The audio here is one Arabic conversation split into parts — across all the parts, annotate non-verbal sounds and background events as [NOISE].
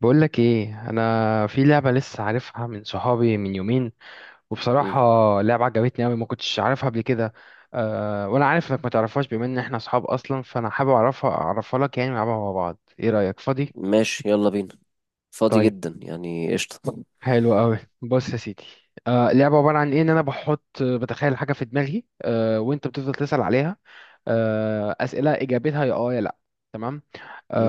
بقولك ايه، انا في لعبة لسه عارفها من صحابي من يومين. وبصراحة مم. لعبة عجبتني اوي، ما كنتش عارفها قبل كده. وانا عارف انك ما تعرفهاش، بما ان احنا صحاب اصلا، فانا حابب اعرفها لك، يعني نلعبها مع بعض. ايه رأيك؟ فاضي؟ ماشي، يلا بينا. فاضي طيب. جدا، يعني قشطة. حلو قوي. بص يا سيدي، لعبة عبارة عن ايه، ان انا بتخيل حاجة في دماغي، وانت بتفضل تسأل عليها. أسئلة إجابتها يا آه يا لأ. تمام.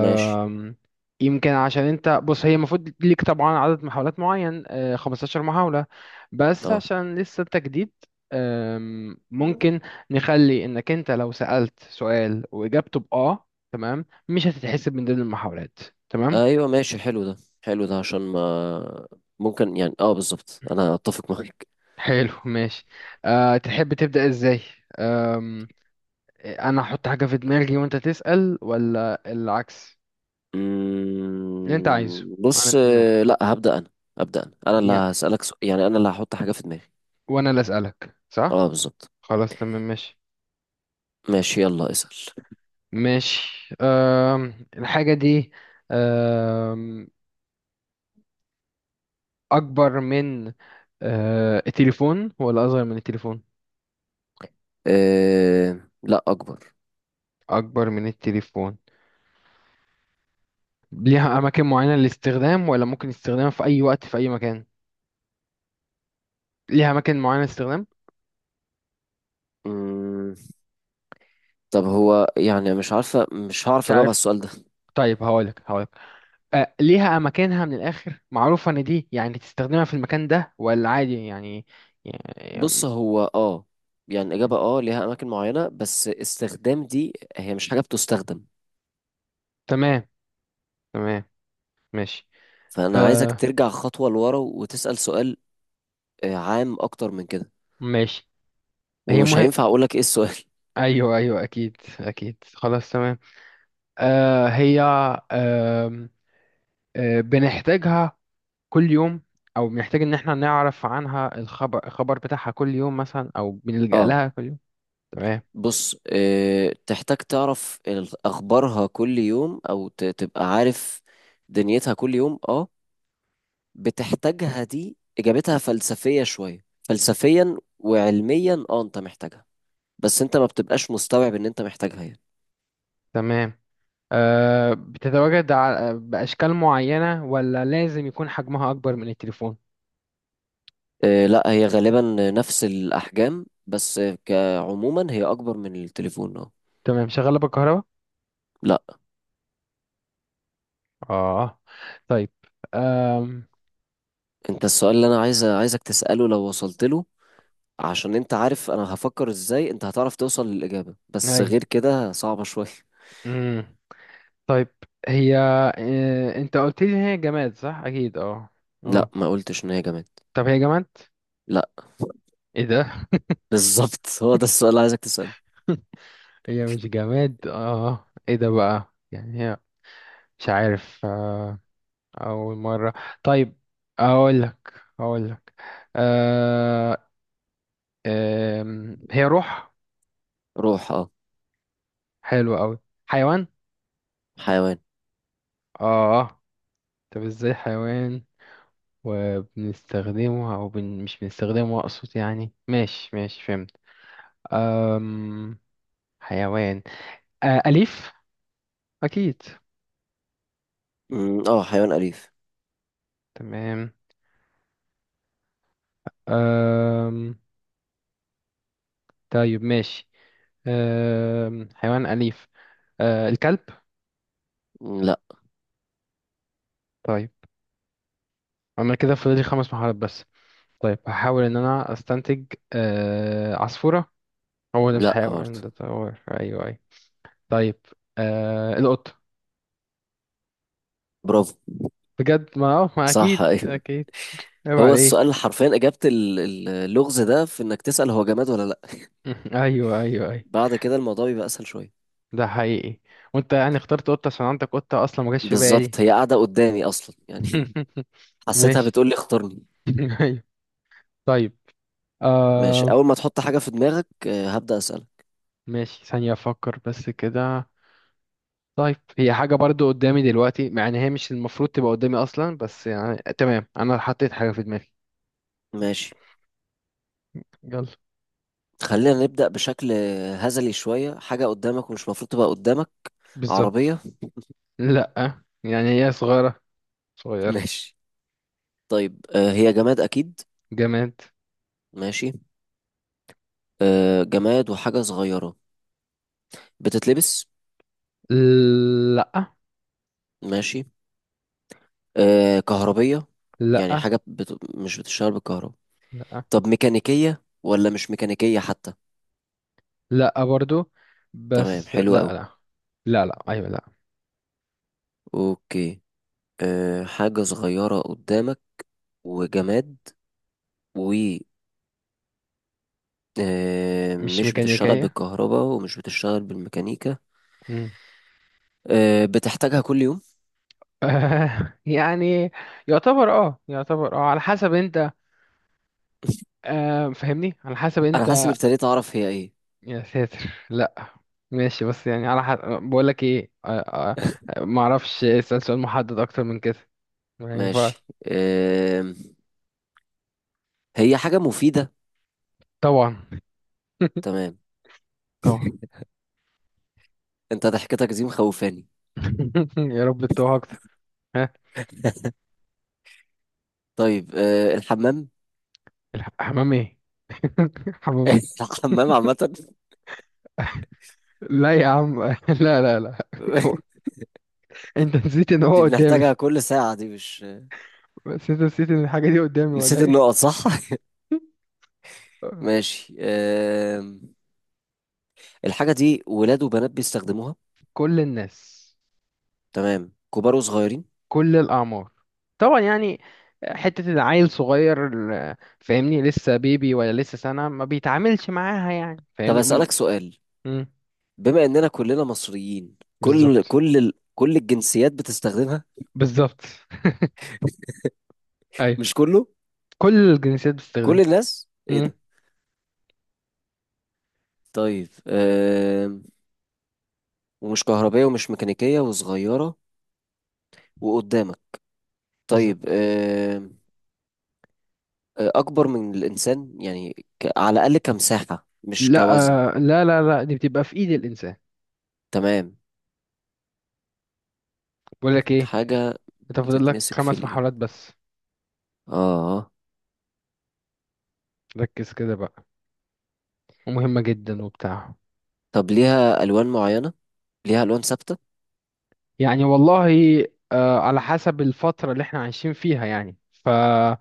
ماشي. يمكن عشان أنت، بص، هي المفروض ليك طبعا عدد محاولات معين، 15 محاولة. بس اه. عشان لسه أنت جديد، ممكن نخلي إنك أنت لو سألت سؤال وإجابته بآه تمام، مش هتتحسب من ضمن المحاولات. تمام. ايوه ماشي، حلو ده حلو ده عشان ما ممكن. يعني بالظبط، انا اتفق معاك. حلو ماشي. تحب تبدأ إزاي؟ أم، أنا أحط حاجة في دماغي وأنت تسأل، ولا العكس؟ اللي أنت عايزه. أنا بص، تمام. لا، هبدأ انا. هبدأ انا اللي هسألك سؤال، يعني انا اللي هحط حاجة في دماغي. وانا اللي اسالك، صح؟ اه، بالظبط. خلاص تمام ماشي. ماشي، يلا اسأل. ماشي، الحاجه دي أم... اكبر من التليفون، ولا اصغر من التليفون؟ لا، اكبر. اكبر من التليفون. ليها اماكن معينه للاستخدام، ولا ممكن استخدامها في اي وقت في اي مكان؟ ليها اماكن معينه للاستخدام. مم، طب هو يعني، مش مش هعرف اجاوب على عارف. السؤال ده. طيب هقولك ليها اماكنها من الاخر، معروفه ان دي يعني تستخدمها في المكان ده ولا عادي، بص، يعني... هو يعني الإجابة، ليها أماكن معينة، بس استخدام دي هي مش حاجة بتستخدم. تمام. تمام ماشي. فأنا عايزك آه، ترجع خطوة لورا وتسأل سؤال. عام أكتر من كده. ماشي. هي ومش مه... هينفع أقولك إيه السؤال. ايوه ايوه اكيد اكيد خلاص تمام. هي، آه بنحتاجها كل يوم، او بنحتاج ان احنا نعرف عنها الخبر بتاعها كل يوم مثلا، او [LAUGHS] بنلجأ اه. لها كل يوم. تمام. بص، تحتاج تعرف أخبارها كل يوم، أو تبقى عارف دنيتها كل يوم، اه. بتحتاجها، دي إجابتها فلسفية شوية. فلسفيا وعلميا اه، أنت محتاجها، بس أنت ما بتبقاش مستوعب إن أنت محتاجها يعني. تمام. بتتواجد باشكال معينة، ولا لازم يكون حجمها اكبر من التليفون؟ لا، هي غالبا نفس الأحجام، بس كعموما هي أكبر من التليفون، اه. تمام. شغالة بالكهرباء؟ لا. اه. طيب. آم... أنت السؤال اللي أنا عايزك تسأله لو وصلت له، عشان أنت عارف أنا هفكر إزاي أنت هتعرف توصل للإجابة، بس غير كده صعبة شوية. ايوه. طيب. هي انت قلت لي ان هي جماد، صح؟ اكيد اه. لا، اه. ما قلتش إن هي جماد. طب هي جماد؟ لا. [LAUGHS] ايه ده؟ بالظبط، هو ده السؤال اللي عايزك تسأله. [LAUGHS] هي مش جماد، اه. ايه ده بقى يعني؟ هي مش عارف اول مرة. طيب. اقول لك اقول لك آه... هي روح. روح، اه. حلو قوي. حيوان. حيوان. اه. طب ازاي حيوان، وبنستخدمه او مش بنستخدمه اقصد، يعني ماشي ماشي فهمت. أم... حيوان أليف. أكيد. اه، حيوان أليف. تمام. آم... طيب ماشي. حيوان أليف. الكلب. لا. طيب. أنا كده فاضل لي 5 محاولات بس. طيب هحاول إن أنا أستنتج. عصفورة. هو ده مش لا حيوان، برضه. ده طور. أيوه أيوه. طيب. القط. برافو. بجد، ما أه ما صح، أكيد أيوه. أكيد عيب هو عليه. السؤال حرفيا، إجابة اللغز ده في إنك تسأل هو جماد ولا لا. [LAUGHS] أيوه أيوه أيوه. بعد كده الموضوع بيبقى اسهل شويه. ده حقيقي. وأنت يعني اخترت قطة عشان عندك قطة أصلا، ما جاش في بالي. بالظبط، هي قاعده قدامي اصلا يعني. [LAUGHS] [LAUGHS] حسيتها ماشي. بتقول لي اختارني. [LAUGHS] أيوه. طيب. ماشي، آه اول ما تحط حاجه في دماغك هبدا اسالك. ماشي ثانية أفكر بس كده. طيب، هي حاجة برضو قدامي دلوقتي، مع إن هي مش المفروض تبقى قدامي أصلا، بس يعني تمام، أنا حطيت حاجة في دماغي. ماشي، يلا. خلينا نبدا بشكل هزلي شويه. حاجه قدامك ومش المفروض تبقى قدامك. بالظبط. عربيه؟ لأ يعني هي صغيرة. [LAUGHS] صغير. ماشي. طيب، هي جماد اكيد؟ جماد. ماشي. جماد وحاجه صغيره. بتتلبس؟ لأ. ماشي. كهربيه؟ يعني لأ حاجه مش بتشتغل بالكهرباء. لأ طب ميكانيكيه ولا مش ميكانيكيه حتى؟ لأ برضو. تمام، بس لأ. حلو قوي. لأ لأ لأ أيوة لأ. اوكي. حاجة صغيرة قدامك، وجماد، و مش مش بتشتغل ميكانيكية. بالكهرباء ومش بتشتغل بالميكانيكا. مم. بتحتاجها كل يوم؟ [LAUGHS] يعني يعتبر اه يعتبر اه على حسب انت. فهمني، على حسب أنا انت. حاسس إني ابتديت أعرف هي إيه. يا ساتر. لا. ماشي، بس يعني على حد بقول لك ايه، ما اعرفش اسال سؤال محدد اكتر من كده. ما ينفعش. ماشي، هي حاجة مفيدة؟ طبعا. [LAUGHS] تمام. طبعا. [LAUGHS] أنت ضحكتك دي مخوفاني. [LAUGHS] يا رب تتوه اكتر. ها؟ [LAUGHS] طيب، الحمام؟ الحمام ايه؟ [LAUGHS] حمام ايه؟ [LAUGHS] الحمام عامة. [LAUGHS] لا يا عم. [LAUGHS] لا لا لا. [LAUGHS] انت نسيت ان هو دي قدامي. بنحتاجها كل ساعة، دي مش... بس انت نسيت ان الحاجه دي قدامي ولا نسيت ايه؟ النقط صح؟ [LAUGHS] [LAUGHS] ماشي. الحاجة دي ولاد وبنات بيستخدموها. كل الناس. تمام، كبار وصغيرين. كل الأعمار طبعا يعني. حتة العيل صغير، فاهمني، لسه بيبي ولا لسه سنة، ما بيتعاملش معاها يعني، طب فاهمني. أسألك سؤال. مم. بما إننا كلنا مصريين، بالظبط. كل الجنسيات بتستخدمها؟ بالظبط. [LAUGHS] ايوه. مش كله. كل الجنسيات بتستخدمها. كل الناس، إيه مم. ده. طيب، ومش كهربائية ومش ميكانيكية وصغيرة، وقدامك. طيب، بالظبط. أكبر من الإنسان يعني، على الأقل كمساحة مش لا، كوزن. لا لا لا، دي بتبقى في ايد الانسان. تمام. بقول لك ايه، حاجة انت فاضل لك بتتمسك في خمس الإيد، محاولات بس. آه. ركز كده بقى. ومهمة جدا وبتاع. طب ليها ألوان معينة؟ ليها ألوان ثابتة؟ يعني والله على حسب الفترة اللي احنا عايشين فيها، يعني ف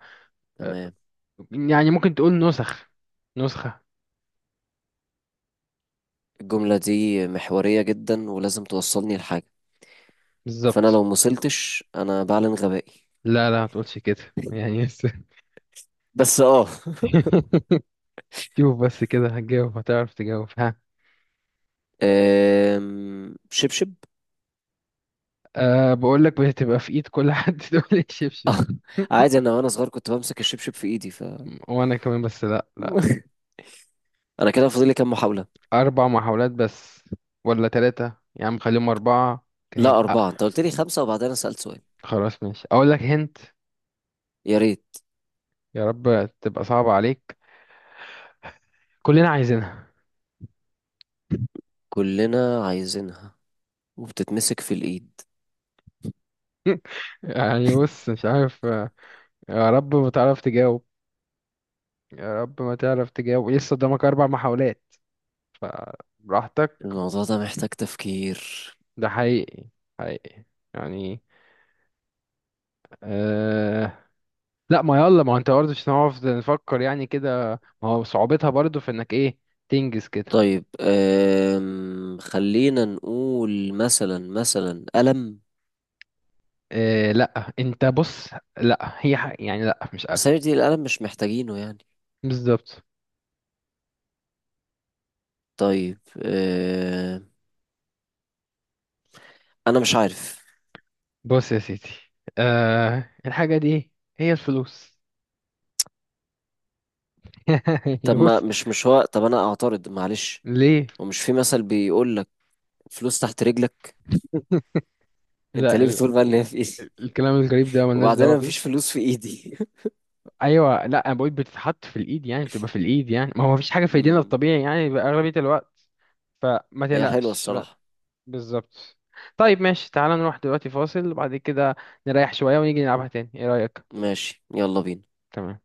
تمام. يعني ممكن تقول نسخة. الجملة دي محورية جدا، ولازم توصلني لحاجة. فانا بالظبط. لو مصلتش انا بعلن غبائي. لا لا، ما تقولش كده يعني بس. بس، اه. [LAUGHS] شوف بس كده، هتجاوب. هتعرف تجاوب. [LAUGHS] شبشب. بقول لك بتبقى في ايد كل حد، [LAUGHS] تقول الشبشب؟ [LAUGHS] عادي، انا وانا صغير كنت بمسك الشبشب في ايدي [LAUGHS] [LAUGHS] وانا كمان، بس لا لا. انا كده فاضل لي كام محاولة؟ اربع محاولات بس. ولا ثلاثة يا عم، خليهم اربعة. كهن لا، أه اربعة. انت قلت لي خمسة، وبعدين انا سألت سؤال. خلاص ماشي اقول لك هنت. يا ريت. يا رب تبقى صعبة عليك. كلنا عايزينها. كلنا عايزينها، وبتتمسك في الايد. [LAUGHS] يعني بص، مش عارف يا رب ما تعرف تجاوب. يا رب ما تعرف تجاوب، لسه قدامك 4 محاولات. فبراحتك. الموضوع ده محتاج تفكير. ده حقيقي. حقيقي يعني. أه لا، ما يلا، ما هو انت برضه مش هنعرف نفكر يعني كده. ما هو صعوبتها برضه في انك ايه، تنجز كده. طيب، خلينا نقول مثلا، قلم. إيه لا، انت بص، لا هي يعني لا مش قلق. بس هي دي، القلم مش محتاجينه يعني. بالظبط. طيب، انا مش عارف. بص يا سيدي، الحاجة دي هي الفلوس. [LAUGHS] يعني طب ما بص. مش مش هو طب، انا اعترض معلش. ليه؟ ومش في مثل بيقول لك فلوس تحت رجلك. انت لا ليه بتقول بقى ان هي في ايدي؟ الكلام الغريب ده [LAUGHS] ملناش وبعدين دعوة انا مفيش بيه. فلوس في ايدي. ايوه. لا، انا بقول بتتحط في الايد، يعني بتبقى في الايد، يعني ما هو مفيش [LAUGHS] حاجة في ايدينا أمم، الطبيعي يعني بقى اغلبية الوقت. فما هي حلوة تقلقش. الصراحة. بالظبط. طيب ماشي. تعالى نروح دلوقتي فاصل، وبعد كده نريح شوية ونيجي نلعبها تاني. ايه رأيك؟ ماشي، يلا بينا. تمام.